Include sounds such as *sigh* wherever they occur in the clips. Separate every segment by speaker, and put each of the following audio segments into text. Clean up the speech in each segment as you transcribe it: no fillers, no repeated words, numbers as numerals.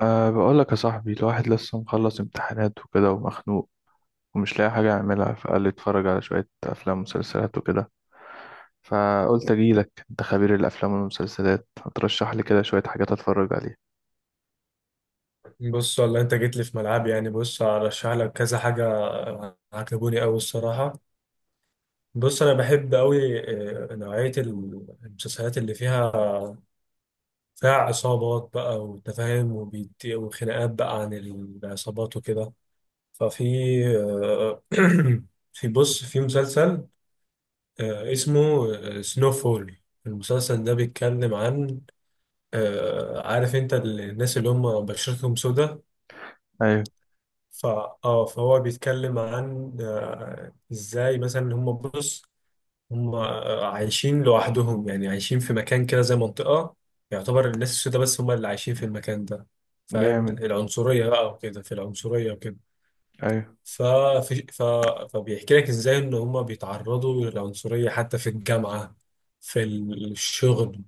Speaker 1: بقول لك يا صاحبي، الواحد لسه مخلص امتحانات وكده ومخنوق ومش لاقي حاجة أعملها. فقال لي اتفرج على شوية أفلام ومسلسلات وكده. فقلت أجيلك، أنت خبير الأفلام والمسلسلات، هترشح لي كده شوية حاجات أتفرج عليها.
Speaker 2: بص، والله انت جيت لي في ملعب، يعني بص هرشح لك كذا حاجه عجبوني قوي الصراحه. بص انا بحب قوي نوعيه المسلسلات اللي فيها عصابات بقى وتفاهم وخناقات بقى عن العصابات وكده. ففي آه، *clears throat* في مسلسل اسمه سنو فول. المسلسل ده بيتكلم عن عارف انت الناس اللي هم بشرتهم سودة.
Speaker 1: أيوة.
Speaker 2: ف اه فهو بيتكلم عن ازاي مثلا هم عايشين لوحدهم، يعني عايشين في مكان كده زي منطقة يعتبر الناس السوداء بس هم اللي عايشين في المكان ده. فاهم
Speaker 1: جامد.
Speaker 2: العنصرية بقى وكده، في العنصرية وكده.
Speaker 1: أيوة.
Speaker 2: ففي ف... فبيحكي لك ازاي ان هم بيتعرضوا للعنصرية حتى في الجامعة، في الشغل،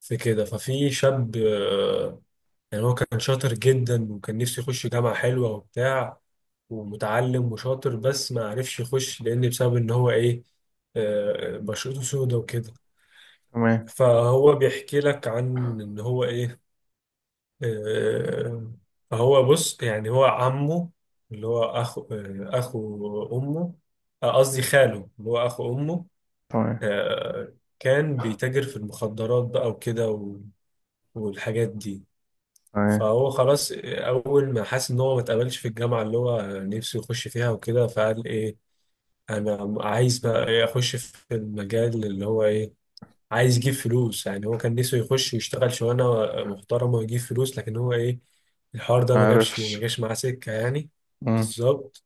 Speaker 2: في كده. ففي شاب يعني هو كان شاطر جدا وكان نفسه يخش جامعة حلوة وبتاع ومتعلم وشاطر، بس ما عرفش يخش لان بسبب ان هو ايه بشرته سودة وكده.
Speaker 1: تمام
Speaker 2: فهو بيحكي لك عن ان هو ايه. آه، فهو بص، يعني هو عمه اللي هو اخو اخو امه. قصدي خاله اللي هو اخو امه.
Speaker 1: تمام
Speaker 2: كان بيتاجر في المخدرات بقى والحاجات دي.
Speaker 1: تمام.
Speaker 2: فهو خلاص اول ما حس ان هو ما اتقبلش في الجامعه اللي هو نفسه يخش فيها وكده، فقال ايه انا عايز بقى ايه اخش في المجال اللي هو ايه عايز يجيب فلوس. يعني هو كان نفسه يخش يشتغل شغلانه محترمه ويجيب فلوس، لكن هو ايه الحوار ده ما جابش
Speaker 1: معرفش.
Speaker 2: ما جاش معاه سكه يعني.
Speaker 1: مم.
Speaker 2: بالظبط.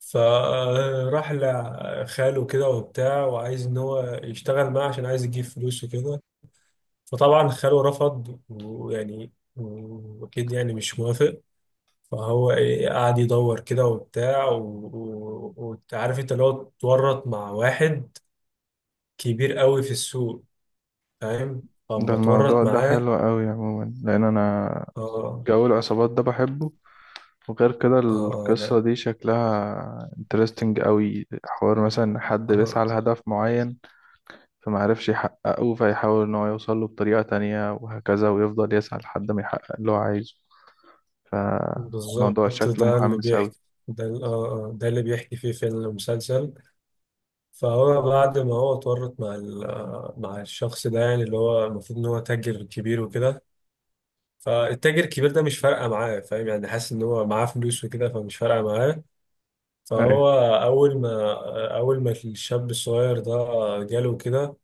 Speaker 2: فراح لخاله كده وبتاع وعايز ان هو يشتغل معاه عشان عايز يجيب فلوس وكده. فطبعا خاله رفض، ويعني واكيد يعني مش موافق. فهو ايه قعد يدور كده وبتاع وعارف انت اللي هو اتورط مع واحد كبير قوي في السوق. فاهم.
Speaker 1: ده
Speaker 2: فأما اتورط
Speaker 1: الموضوع ده
Speaker 2: معاه.
Speaker 1: حلو أوي عموما، لأن أنا
Speaker 2: اه
Speaker 1: جو العصابات ده بحبه. وغير كده القصة
Speaker 2: لا.
Speaker 1: دي شكلها انترستنج أوي. حوار مثلا حد
Speaker 2: اه
Speaker 1: بيسعى لهدف معين فما عرفش يحققه، فيحاول إن هو يوصل له بطريقة تانية وهكذا، ويفضل يسعى لحد ما يحقق اللي هو عايزه. فالموضوع
Speaker 2: بالظبط،
Speaker 1: شكله
Speaker 2: ده اللي
Speaker 1: محمس أوي.
Speaker 2: بيحكي. ده ال- اه اه ده اللي بيحكي فيه فيلم المسلسل. فهو بعد ما هو اتورط مع مع الشخص ده، يعني اللي هو المفروض ان هو تاجر كبير وكده. فالتاجر الكبير ده مش فارقه معاه، فاهم، يعني حاسس ان هو معاه فلوس وكده فمش فارقه معاه.
Speaker 1: أيوة.
Speaker 2: فهو اول ما الشاب الصغير ده جاله كده،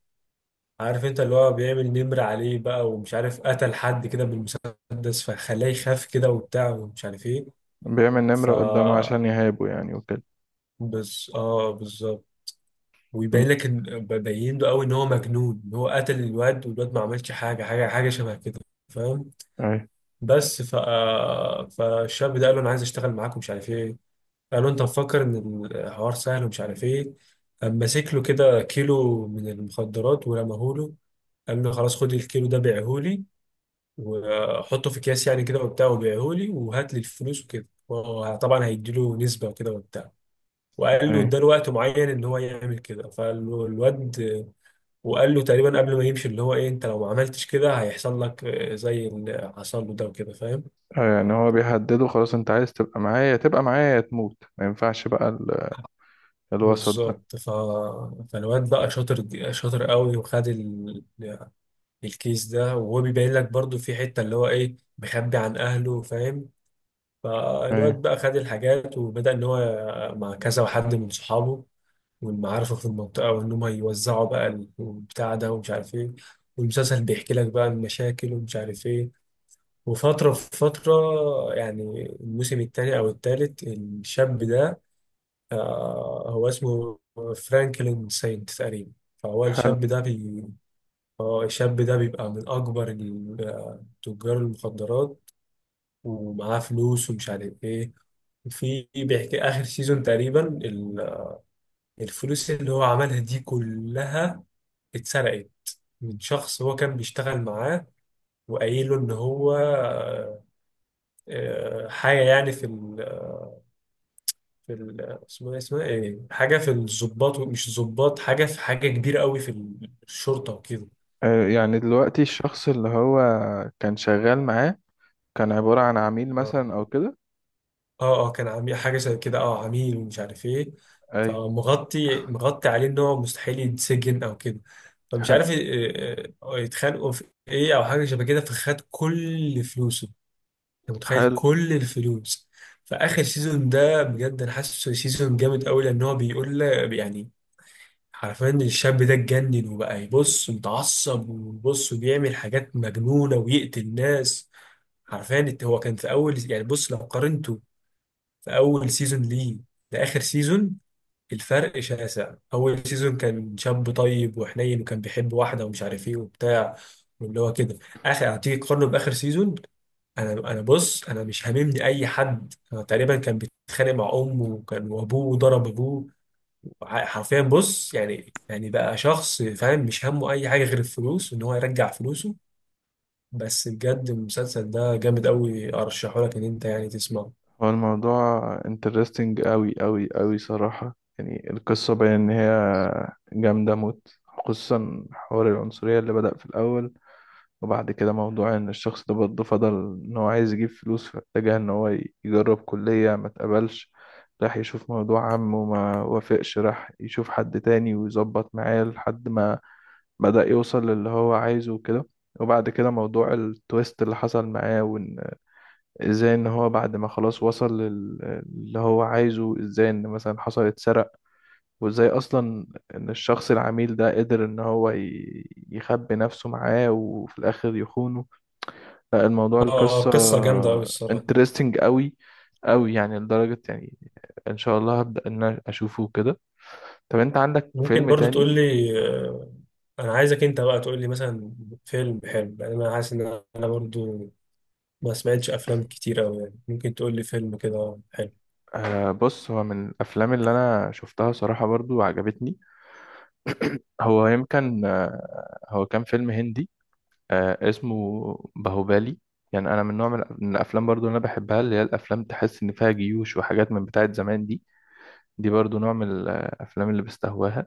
Speaker 2: عارف انت اللي هو بيعمل نمر عليه بقى، ومش عارف قتل حد كده بالمسدس فخلاه يخاف كده وبتاع ومش عارف ايه.
Speaker 1: بيعمل
Speaker 2: ف
Speaker 1: نمرة قدامه عشان يهابه يعني وكده.
Speaker 2: بز... اه بالظبط.
Speaker 1: مم.
Speaker 2: ويبين لك ان بين له قوي ان هو مجنون، ان هو قتل الواد والواد ما عملش حاجه شبه كده، فاهم.
Speaker 1: أيوة.
Speaker 2: بس ف آه، فالشاب ده قال له انا عايز اشتغل معاك ومش عارف ايه. قال له انت مفكر ان الحوار سهل ومش عارف ايه. قام ماسك له كده كيلو من المخدرات ورماهوله. قال له خلاص خد الكيلو ده بيعهولي وحطه في اكياس يعني كده وبتاع، وبيعهولي وهات لي الفلوس وكده، وطبعا هيديله نسبه وكده وبتاع. وقال له
Speaker 1: أيوة.
Speaker 2: اداله وقت معين ان هو يعمل كده، فالواد. وقال له تقريبا قبل ما يمشي اللي هو ايه انت لو ما عملتش كده هيحصل لك زي اللي حصل له ده وكده، فاهم.
Speaker 1: أيوة، يعني هو بيهدده خلاص. أنت عايز تبقى معايا تبقى معايا يا تموت، ما ينفعش بقى الوسط ده.
Speaker 2: بالظبط. فالواد بقى شاطر، شاطر قوي وخد الكيس ده، وهو بيبين لك برضو في حته اللي هو ايه مخبي عن اهله، فاهم. فالواد
Speaker 1: أيوة.
Speaker 2: بقى خد الحاجات وبدأ إن هو مع كذا حد من صحابه ومن معارفه في المنطقة، وإن هم يوزعوا بقى البتاع ده ومش عارف إيه. والمسلسل بيحكي لك بقى المشاكل ومش عارف إيه. وفترة في فترة يعني الموسم التاني أو التالت الشاب ده هو اسمه فرانكلين ساينت تقريبا. فهو
Speaker 1: حلو.
Speaker 2: الشاب ده بي... آه، الشاب ده بيبقى من أكبر تجار المخدرات ومعاه فلوس ومش عارف إيه. في بيحكي آخر سيزون تقريبا الفلوس اللي هو عملها دي كلها اتسرقت من شخص هو كان بيشتغل معاه، وقايله إن هو حاجة يعني في ال اسمه إيه- اسمها إيه، حاجة في الضباط، مش الضباط، حاجة في حاجة كبيرة قوي في الشرطة وكده.
Speaker 1: أيوة، يعني دلوقتي الشخص اللي هو كان شغال معاه كان عبارة عن عميل
Speaker 2: اه
Speaker 1: مثلا أو كده.
Speaker 2: كان عميل حاجة زي كده، اه عميل ومش عارف ايه.
Speaker 1: أيوة.
Speaker 2: فمغطي مغطي عليه ان هو مستحيل يتسجن او كده. فمش
Speaker 1: حلو.
Speaker 2: عارف يتخانقوا في ايه او حاجه شبه كده، فخد كل فلوسه. انت متخيل
Speaker 1: حلو.
Speaker 2: كل الفلوس. فاخر سيزون ده بجد انا حاسه سيزون جامد قوي، لان هو يعني حرفيا الشاب ده اتجنن وبقى يبص متعصب وبص وبيعمل حاجات مجنونه ويقتل ناس. حرفيا هو كان في اول، يعني بص لو قارنته في اول سيزون ليه لاخر سيزون، الفرق شاسع. اول سيزون كان شاب طيب وحنين وكان بيحب واحده ومش عارف ايه وبتاع واللي هو كده. اخر هتيجي تقارنه باخر سيزون. انا بص انا مش هاممني اي حد. أنا تقريبا كان بيتخانق مع امه وكان وابوه وضرب ابوه حرفيا بص يعني يعني بقى شخص فاهم مش همه اي حاجه غير الفلوس وان هو يرجع فلوسه. بس بجد المسلسل ده جامد قوي، ارشحه لك ان انت يعني تسمعه.
Speaker 1: هو الموضوع انترستنج قوي قوي قوي صراحة. يعني القصة باين ان هي جامدة موت، خصوصا حوار العنصرية اللي بدأ في الأول. وبعد كده موضوع ان الشخص ده برضه فضل ان هو عايز يجيب فلوس، فاتجه ان هو يجرب كلية ما اتقبلش، راح يشوف موضوع عمه وما وافقش، راح يشوف حد تاني ويظبط معاه لحد ما بدأ يوصل للي هو عايزه وكده. وبعد كده موضوع التويست اللي حصل معاه، ازاي ان هو بعد ما خلاص وصل اللي هو عايزه، ازاي ان مثلا حصل اتسرق، وازاي اصلا ان الشخص العميل ده قدر ان هو يخبي نفسه معاه وفي الاخر يخونه. لا، الموضوع القصة
Speaker 2: قصه جامده قوي الصراحه.
Speaker 1: انترستنج قوي قوي، يعني لدرجة يعني ان شاء الله هبدأ ان أنا اشوفه كده. طب انت عندك
Speaker 2: ممكن
Speaker 1: فيلم
Speaker 2: برضو
Speaker 1: تاني؟
Speaker 2: تقول لي انا عايزك انت بقى تقول لي مثلا فيلم حلو، لان انا حاسس ان انا برضو ما سمعتش افلام كتير قوي، يعني ممكن تقول لي فيلم كده حلو.
Speaker 1: بص، هو من الافلام اللي انا شفتها صراحة برضو عجبتني. هو يمكن، هو كان فيلم هندي، اسمه باهوبالي. يعني انا من نوع من الافلام برضو اللي انا بحبها، اللي هي الافلام تحس ان فيها جيوش وحاجات من بتاعه زمان دي. دي برضو نوع من الافلام اللي بستهواها.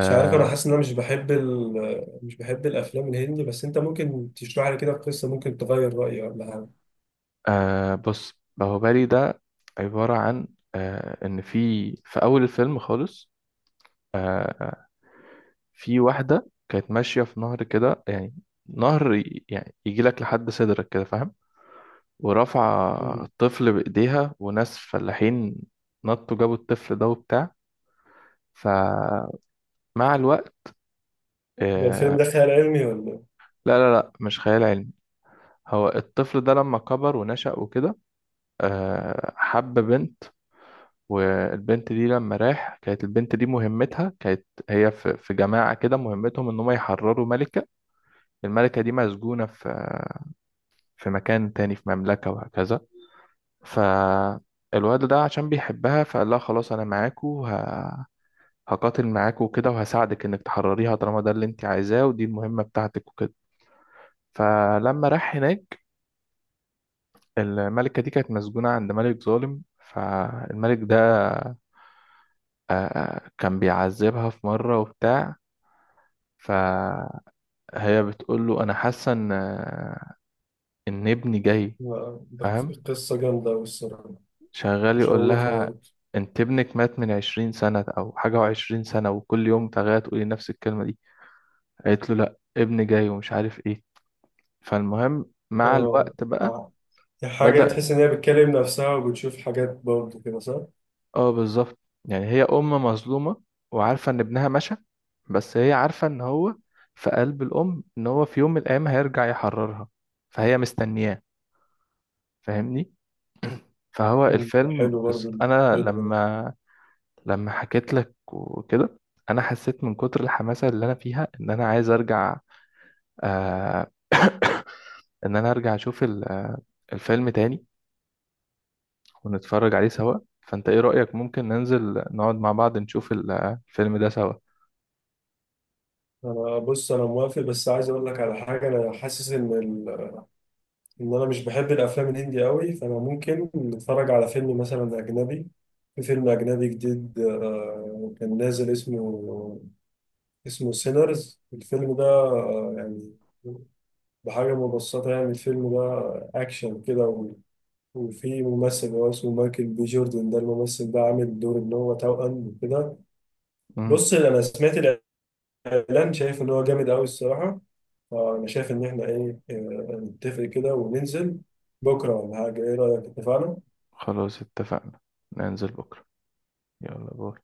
Speaker 2: مش عارف، انا حاسس ان انا مش بحب الافلام الهندي، بس انت ممكن تشرح لي كده القصه ممكن تغير رايي ولا حاجه.
Speaker 1: بص، باهوبالي ده عباره عن ان في، اول الفيلم خالص، آه في واحده كانت ماشيه في نهر كده يعني، نهر يعني يجي لك لحد صدرك كده فاهم. ورافعه
Speaker 2: مم.
Speaker 1: الطفل بايديها، وناس فلاحين نطوا جابوا الطفل ده وبتاع. فمع الوقت
Speaker 2: ده الفيلم
Speaker 1: آه
Speaker 2: ده خيال علمي ولا إيه؟
Speaker 1: لا لا لا، مش خيال علمي. هو الطفل ده لما كبر ونشأ وكده حب بنت. والبنت دي لما راح كانت البنت دي مهمتها، كانت هي في جماعة كده مهمتهم ان هم يحرروا ملكة. الملكة دي مسجونة في مكان تاني في مملكة وهكذا. فالواد ده عشان بيحبها فقال لها خلاص انا معاكو هقاتل معاكو وكده، وهساعدك انك تحرريها طالما ده اللي انت عايزاه ودي المهمة بتاعتك وكده. فلما راح هناك الملكة دي كانت مسجونة عند ملك ظالم. فالملك ده كان بيعذبها في مرة وبتاع. فهي بتقول له أنا حاسة إن إن ابني جاي
Speaker 2: لا، ده
Speaker 1: فاهم.
Speaker 2: قصه جامده أوي الصراحه،
Speaker 1: شغال يقول
Speaker 2: مشوقه
Speaker 1: لها
Speaker 2: برضه.
Speaker 1: أنت ابنك مات من 20 سنة أو حاجة، وعشرين سنة وكل يوم تغير تقولي نفس الكلمة دي. قالت له لأ، ابني جاي ومش عارف إيه. فالمهم مع
Speaker 2: اه
Speaker 1: الوقت بقى
Speaker 2: آه. دي حاجه
Speaker 1: بدأ.
Speaker 2: تحس ان هي بتكلم نفسها وبتشوف حاجات برضه كده صح؟
Speaker 1: اه، بالظبط. يعني هي ام مظلومه وعارفه ان ابنها مشى، بس هي عارفه ان هو في قلب الام ان هو في يوم من الايام هيرجع يحررها، فهي مستنياه فاهمني. فهو
Speaker 2: مم. ده
Speaker 1: الفيلم،
Speaker 2: حلو برضه
Speaker 1: بس انا
Speaker 2: الفيلم ده.
Speaker 1: لما حكيت لك وكده انا حسيت من كتر الحماسه اللي انا فيها ان انا عايز ارجع، آه ان انا ارجع اشوف الفيلم تاني ونتفرج عليه سوا. فانت ايه رايك؟ ممكن ننزل نقعد مع بعض نشوف الفيلم ده سوا.
Speaker 2: انا بص انا موافق، بس عايز اقول لك على حاجه. انا حاسس ان ان انا مش بحب الافلام الهندي قوي، فانا ممكن نتفرج على فيلم مثلا اجنبي. في فيلم اجنبي جديد كان نازل اسمه. سينرز الفيلم ده يعني بحاجه مبسطه يعني. الفيلم ده اكشن كده وفي ممثل هو اسمه مايكل بي جوردن. ده الممثل ده عامل دور ان هو توأم وكده.
Speaker 1: مم.
Speaker 2: بص انا سمعت لان شايف ان هو جامد قوي الصراحه. فانا شايف ان احنا ايه نتفق كده وننزل بكره ولا حاجه، ايه رايك اتفقنا؟
Speaker 1: خلاص اتفقنا، ننزل بكرة. يلا باي.